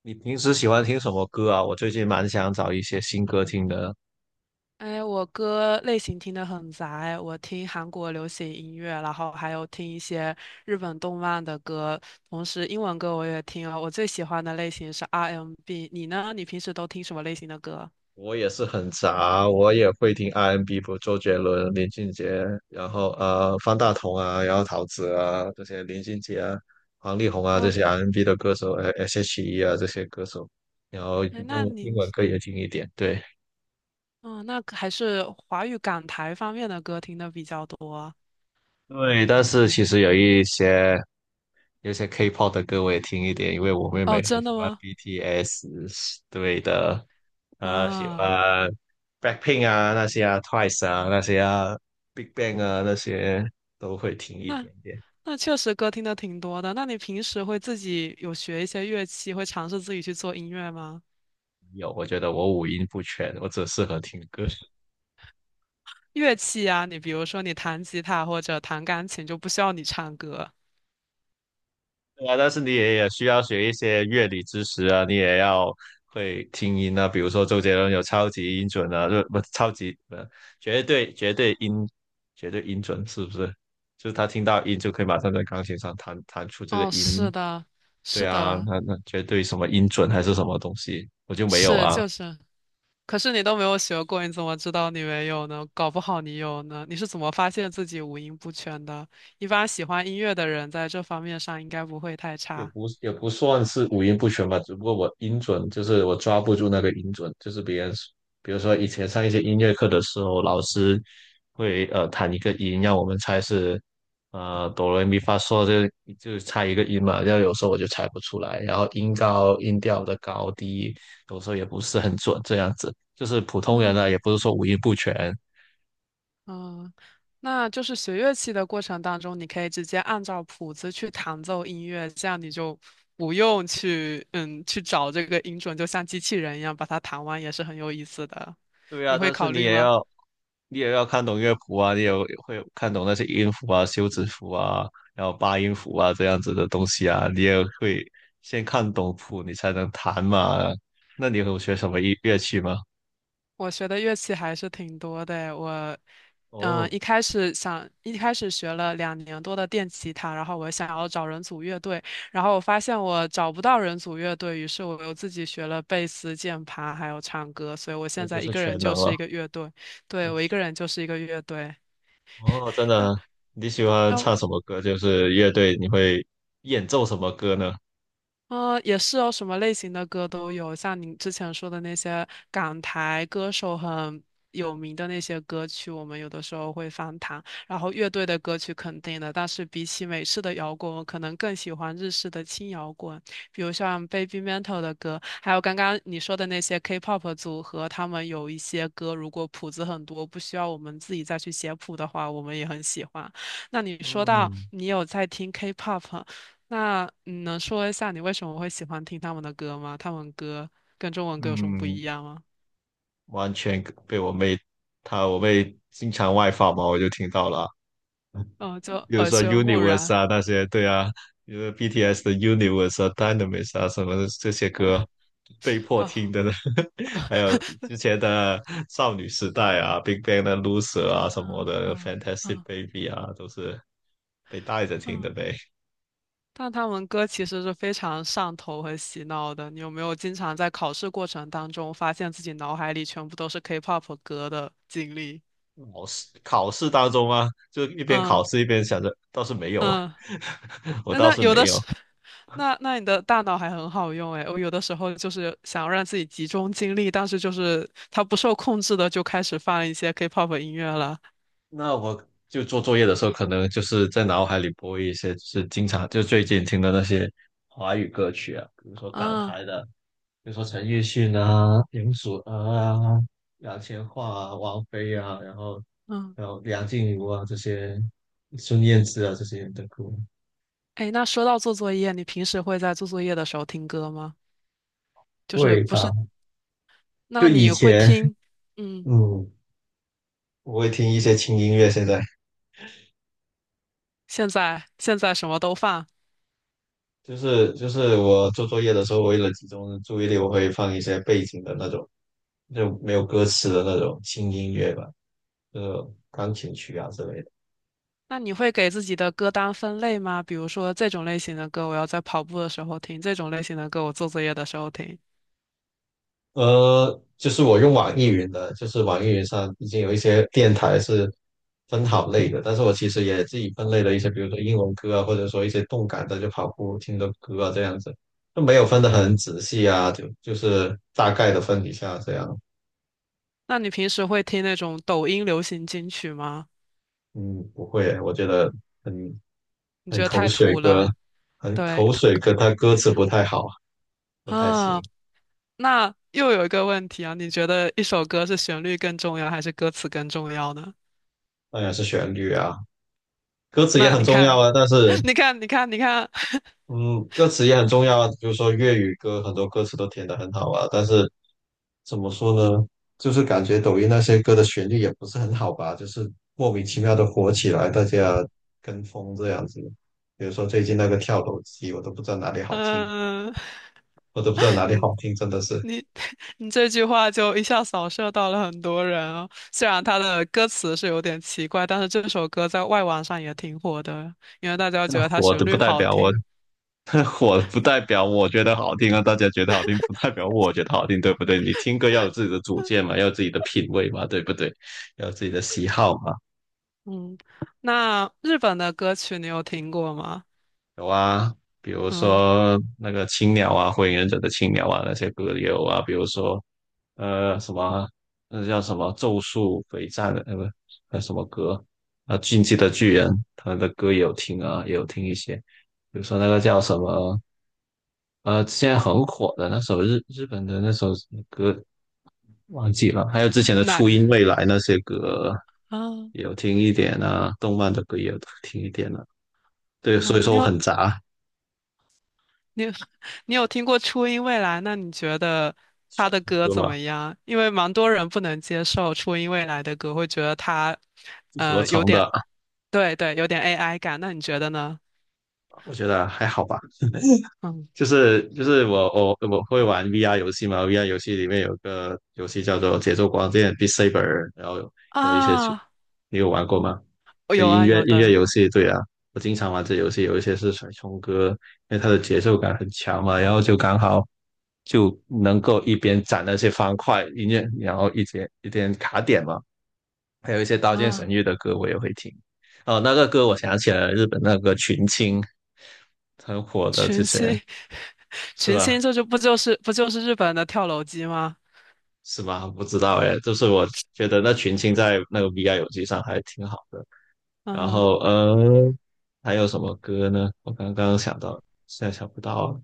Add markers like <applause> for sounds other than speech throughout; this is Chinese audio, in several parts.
你平时喜欢听什么歌啊？我最近蛮想找一些新歌听的。哎，我歌类型听得很杂哎，我听韩国流行音乐，然后还有听一些日本动漫的歌，同时英文歌我也听啊。我最喜欢的类型是 R&B，你呢？你平时都听什么类型的歌？我也是很杂，我也会听 R&B，N 不，周杰伦、林俊杰，然后方大同啊，然后陶喆啊这些，林俊杰啊、王力宏啊这嗯，些 R&B N 的歌手，S.H.E 啊这些歌手，然后哎，那用英你，文歌也听一点，对。嗯，那可还是华语港台方面的歌听的比较多。对，但是其实有一些。有些 K-pop 的歌我也听一点，因为我妹妹哦，很真喜的欢 吗？BTS。 对的，喜啊，欢 Blackpink 啊那些啊，Twice 啊那些啊，Big Bang 啊那些都会听一那点点。那确实歌听的挺多的。那你平时会自己有学一些乐器，会尝试自己去做音乐吗？有，我觉得我五音不全，我只适合听歌。乐器啊，你比如说你弹吉他或者弹钢琴，就不需要你唱歌。对啊，但是你也也需要学一些乐理知识啊，你也要会听音啊，比如说周杰伦有超级音准啊，就不超级呃绝对绝对音绝对音准是不是？就是他听到音就可以马上在钢琴上弹出这个哦，音，是的，对是啊，的，那绝对什么音准还是什么东西，我就没有是啊。就是。可是你都没有学过，你怎么知道你没有呢？搞不好你有呢。你是怎么发现自己五音不全的？一般喜欢音乐的人在这方面上应该不会太也差。不也不算是五音不全吧，只不过我音准就是我抓不住那个音准，就是别人，比如说以前上一些音乐课的时候，老师会弹一个音，让我们猜是哆来咪发嗦，就猜一个音嘛，然后有时候我就猜不出来，然后音高音调的高低有时候也不是很准，这样子就是普通人呢，嗯。也不是说五音不全，嗯，那就是学乐器的过程当中，你可以直接按照谱子去弹奏音乐，这样你就不用去去找这个音准，就像机器人一样把它弹完，也是很有意思的。对你啊，会但是考你虑也吗？要你也要看懂乐谱啊，你也会看懂那些音符啊、休止符啊，然后八音符啊这样子的东西啊，你也会先看懂谱，你才能弹嘛。那你有学什么乐器吗？我学的乐器还是挺多的我，哦，一开始学了2年多的电吉他，然后我想要找人组乐队，然后我发现我找不到人组乐队，于是我又自己学了贝斯、键盘，还有唱歌，所以我那现就在一是个人全就能是了。一个乐队，对，我一个人就是一个乐队。哦，真的，然你喜欢后唱什么歌？就是乐队，你会演奏什么歌呢？也是哦，什么类型的歌都有，像您之前说的那些港台歌手很有名的那些歌曲，我们有的时候会翻唱。然后乐队的歌曲肯定的，但是比起美式的摇滚，我可能更喜欢日式的轻摇滚，比如像 Baby Metal 的歌，还有刚刚你说的那些 K-pop 组合，他们有一些歌，如果谱子很多，不需要我们自己再去写谱的话，我们也很喜欢。那你说到嗯你有在听 K-pop，那你能说一下你为什么会喜欢听他们的歌吗？他们歌跟中文歌有什么不嗯，一样吗？完全被我妹，她我妹经常外放嘛，我就听到了。嗯，就比如耳说 濡目 Universe 染，啊那些，对啊，比如说 BTS 的 Universe 啊、Dynamis 啊什么的这些歌，被迫听好，的呢。<laughs> 还有之前的少女时代啊，Big Bang 的 Loser 啊什么嗯 <laughs> 的嗯，Fantastic 嗯 Baby 啊，都是被带着听嗯。的呗。但他们歌其实是非常上头和洗脑的。你有没有经常在考试过程当中发现自己脑海里全部都是 K-pop 歌的经历？考试当中啊，就一边考嗯试一边想着，倒是没有啊，嗯， <laughs> 我那倒那是有没的是，有。<laughs> 那你的大脑还很好用诶，我有的时候就是想要让自己集中精力，但是就是它不受控制的就开始放一些 K-pop 音乐了。那我就做作业的时候，可能就是在脑海里播一些，就是经常嗯就最近听的那些华语歌曲啊，比如说港嗯台的，比如说陈奕迅啊、林祖儿啊、杨千嬅啊、王菲啊，然后嗯，还有梁静茹啊这些，孙燕姿啊这些人的歌，哎，那说到做作业，你平时会在做作业的时候听歌吗？就是会不吧？是？就那以你会前，听？嗯，嗯，我会听一些轻音乐，现在。现在什么都放。就是我做作业的时候，为了集中注意力，我会放一些背景的那种，就没有歌词的那种轻音乐吧，就是钢琴曲啊之类的。那你会给自己的歌单分类吗？比如说这种类型的歌，我要在跑步的时候听；这种类型的歌，我做作业的时候听。就是我用网易云的，就是网易云上已经有一些电台是分好类的，但是我其实也自己分类了一些，比如说英文歌啊，或者说一些动感的，就跑步听的歌啊这样子，就没有分得嗯。很仔细啊，就是大概的分一下这样。那你平时会听那种抖音流行金曲吗？嗯，不会，我觉得很你觉很得口太水土了？歌，很对，口水歌，它歌词不太好，<laughs> 不太行。啊，那又有一个问题啊，你觉得一首歌是旋律更重要还是歌词更重要呢？当然是旋律啊，歌词也那很你重要看，啊。但是，<laughs> 你看，你看，你看，嗯，歌词也很重要啊。比如说粤语歌，很多歌词都填得很好啊。但是怎么说呢？就是感觉抖音那些歌的旋律也不是很好吧，就是莫名其妙的火起来，大家跟风这样子。比如说最近那个跳楼机，我都不知道哪里好听，嗯，我都不知道哪里你好听，真的是。你 <laughs> 你这句话就一下扫射到了很多人哦。虽然他的歌词是有点奇怪，但是这首歌在外网上也挺火的，因为大家觉那得它火旋的不律代好表我 听。<laughs> 火不代表我觉得好听啊，大家觉得好听不代表我觉得好听，对不对？你听歌要有自己的主见嘛，要有自己的品味嘛，对不对？要有自己的喜好嘛。嗯，那日本的歌曲你有听过吗？有啊，比如嗯，说那个青鸟啊，火影忍者的青鸟啊，那些歌也有啊。比如说呃什么，那叫什么咒术回战的，不，那什么歌啊，进击的巨人，他们的歌也有听啊，也有听一些。比如说那个叫什么现在很火的那首日本的那首歌忘记了，还有之前的那初音未来那些歌啊？也有听一点啊，动漫的歌也有听一点啊。对，所嗯，以你说我很有杂，你有 <laughs> 你有听过初音未来？那你觉得他算是的歌歌怎嘛，么样？因为蛮多人不能接受初音未来的歌，会觉得他不合有成点，的，对对，有点 AI 感。那你觉得呢？我觉得还好吧。嗯就是我会玩 VR 游戏嘛，VR 游戏里面有个游戏叫做《节奏光剑 b e a Saber），然后有一些出，啊，你有玩过吗？这有音啊乐有音乐的游戏，对啊，我经常玩这游戏，有一些是甩葱歌，因为它的节奏感很强嘛，然后就刚好就能够一边攒那些方块音乐，然后一边卡点嘛。还有一些《刀剑神啊，域》的歌我也会听，哦，那个歌我想起来了，日本那个群青很火的之群前星 <laughs> 是群星吧？这就是不就是日本的跳楼机吗？是吗？不知道哎，就是我觉得那群青在那个 VR 游戏上还挺好的。然嗯后还有什么歌呢？我刚刚想到，现在想不到了。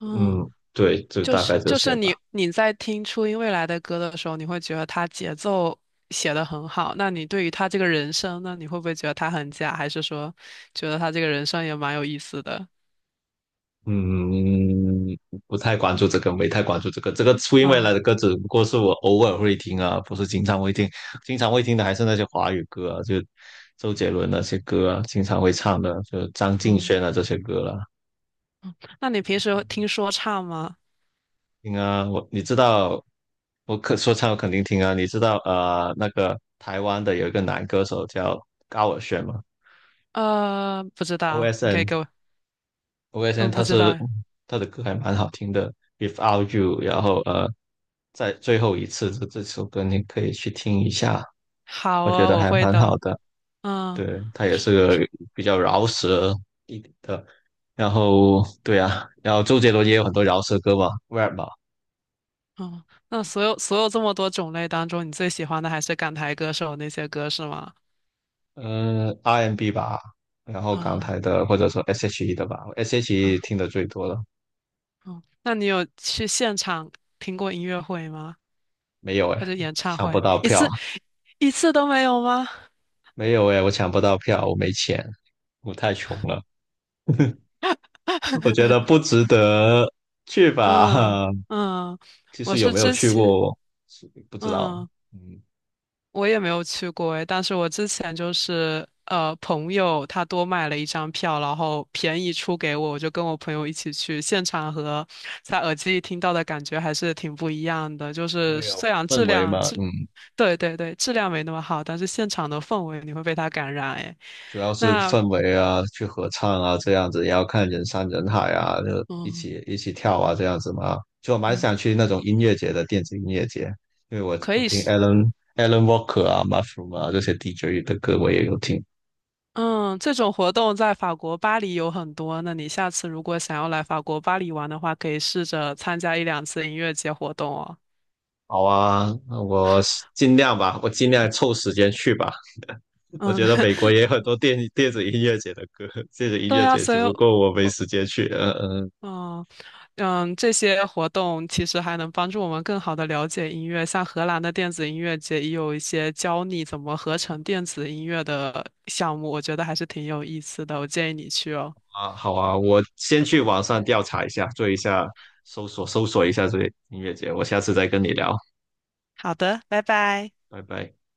嗯，嗯，对，就就大概是这就些是你吧。你在听初音未来的歌的时候，你会觉得他节奏写的很好。那你对于他这个人声呢，你会不会觉得他很假，还是说觉得他这个人声也蛮有意思的？嗯，不太关注这个，没太关注这个。这个初音未嗯来的歌只不过是我偶尔会听啊，不是经常会听。经常会听的还是那些华语歌啊，就周杰伦那些歌啊，经常会唱的，就张敬嗯，轩啊这些歌了、那你平时会听说唱吗？听啊，我你知道，我可说唱我肯定听啊。你知道那个台湾的有一个男歌手叫高尔宣吗不知道，你可以？OSN，OSN 给我，嗯，不他知是道。他的歌还蛮好听的，Without You，然后在最后一次这首歌你可以去听一下，好我觉啊，得我还会蛮好的。的。嗯对，他也是个比较饶舌一点的，然后对啊，然后周杰伦也有很多饶舌歌嘛，rap 嘛。嗯，那所有这么多种类当中，你最喜欢的还是港台歌手那些歌是吗？嗯，RMB 吧，然后港啊、台的或者说 SHE 的吧，SHE 嗯。听的最多了。哦，那你有去现场听过音乐会吗？没有或哎，者演唱抢不会？到一票，次一次都没有吗？没有哎，我抢不到票，我没钱，我太穷了，我觉得 <laughs> 不值得去嗯吧。嗯，<laughs> 其我实有是没有之去前过，不知道。嗯。嗯，我也没有去过诶，但是我之前就是朋友他多买了一张票，然后便宜出给我，我就跟我朋友一起去，现场和在耳机里听到的感觉还是挺不一样的。就是会有虽然质氛围量嘛，质，嗯。对对对，质量没那么好，但是现场的氛围你会被它感染诶。主要是那氛围啊，去合唱啊，这样子，也要看人山人海啊，就一嗯起一起跳啊，这样子嘛。就我蛮嗯，想去那种音乐节的电子音乐节，因为我可我以听 是 Alan Walker 啊、Mushroom 啊这些 DJ 的歌我也有听。嗯，这种活动在法国巴黎有很多。那你下次如果想要来法国巴黎玩的话，可以试着参加一两次音乐节活动哦。好啊，那我尽量吧，我尽量凑时间去吧。<laughs> 我嗯，觉得美国 <laughs> 也有很多电子音乐节的歌，电子音对乐呀，节，所只以，不过我没我时间去。嗯嗯。嗯这些活动其实还能帮助我们更好的了解音乐。像荷兰的电子音乐节也有一些教你怎么合成电子音乐的项目，我觉得还是挺有意思的。我建议你去哦。啊，好啊，我先去网上调查一下，做一下搜索，搜索一下这个音乐节，我下次再跟你聊，好的，拜拜。拜拜。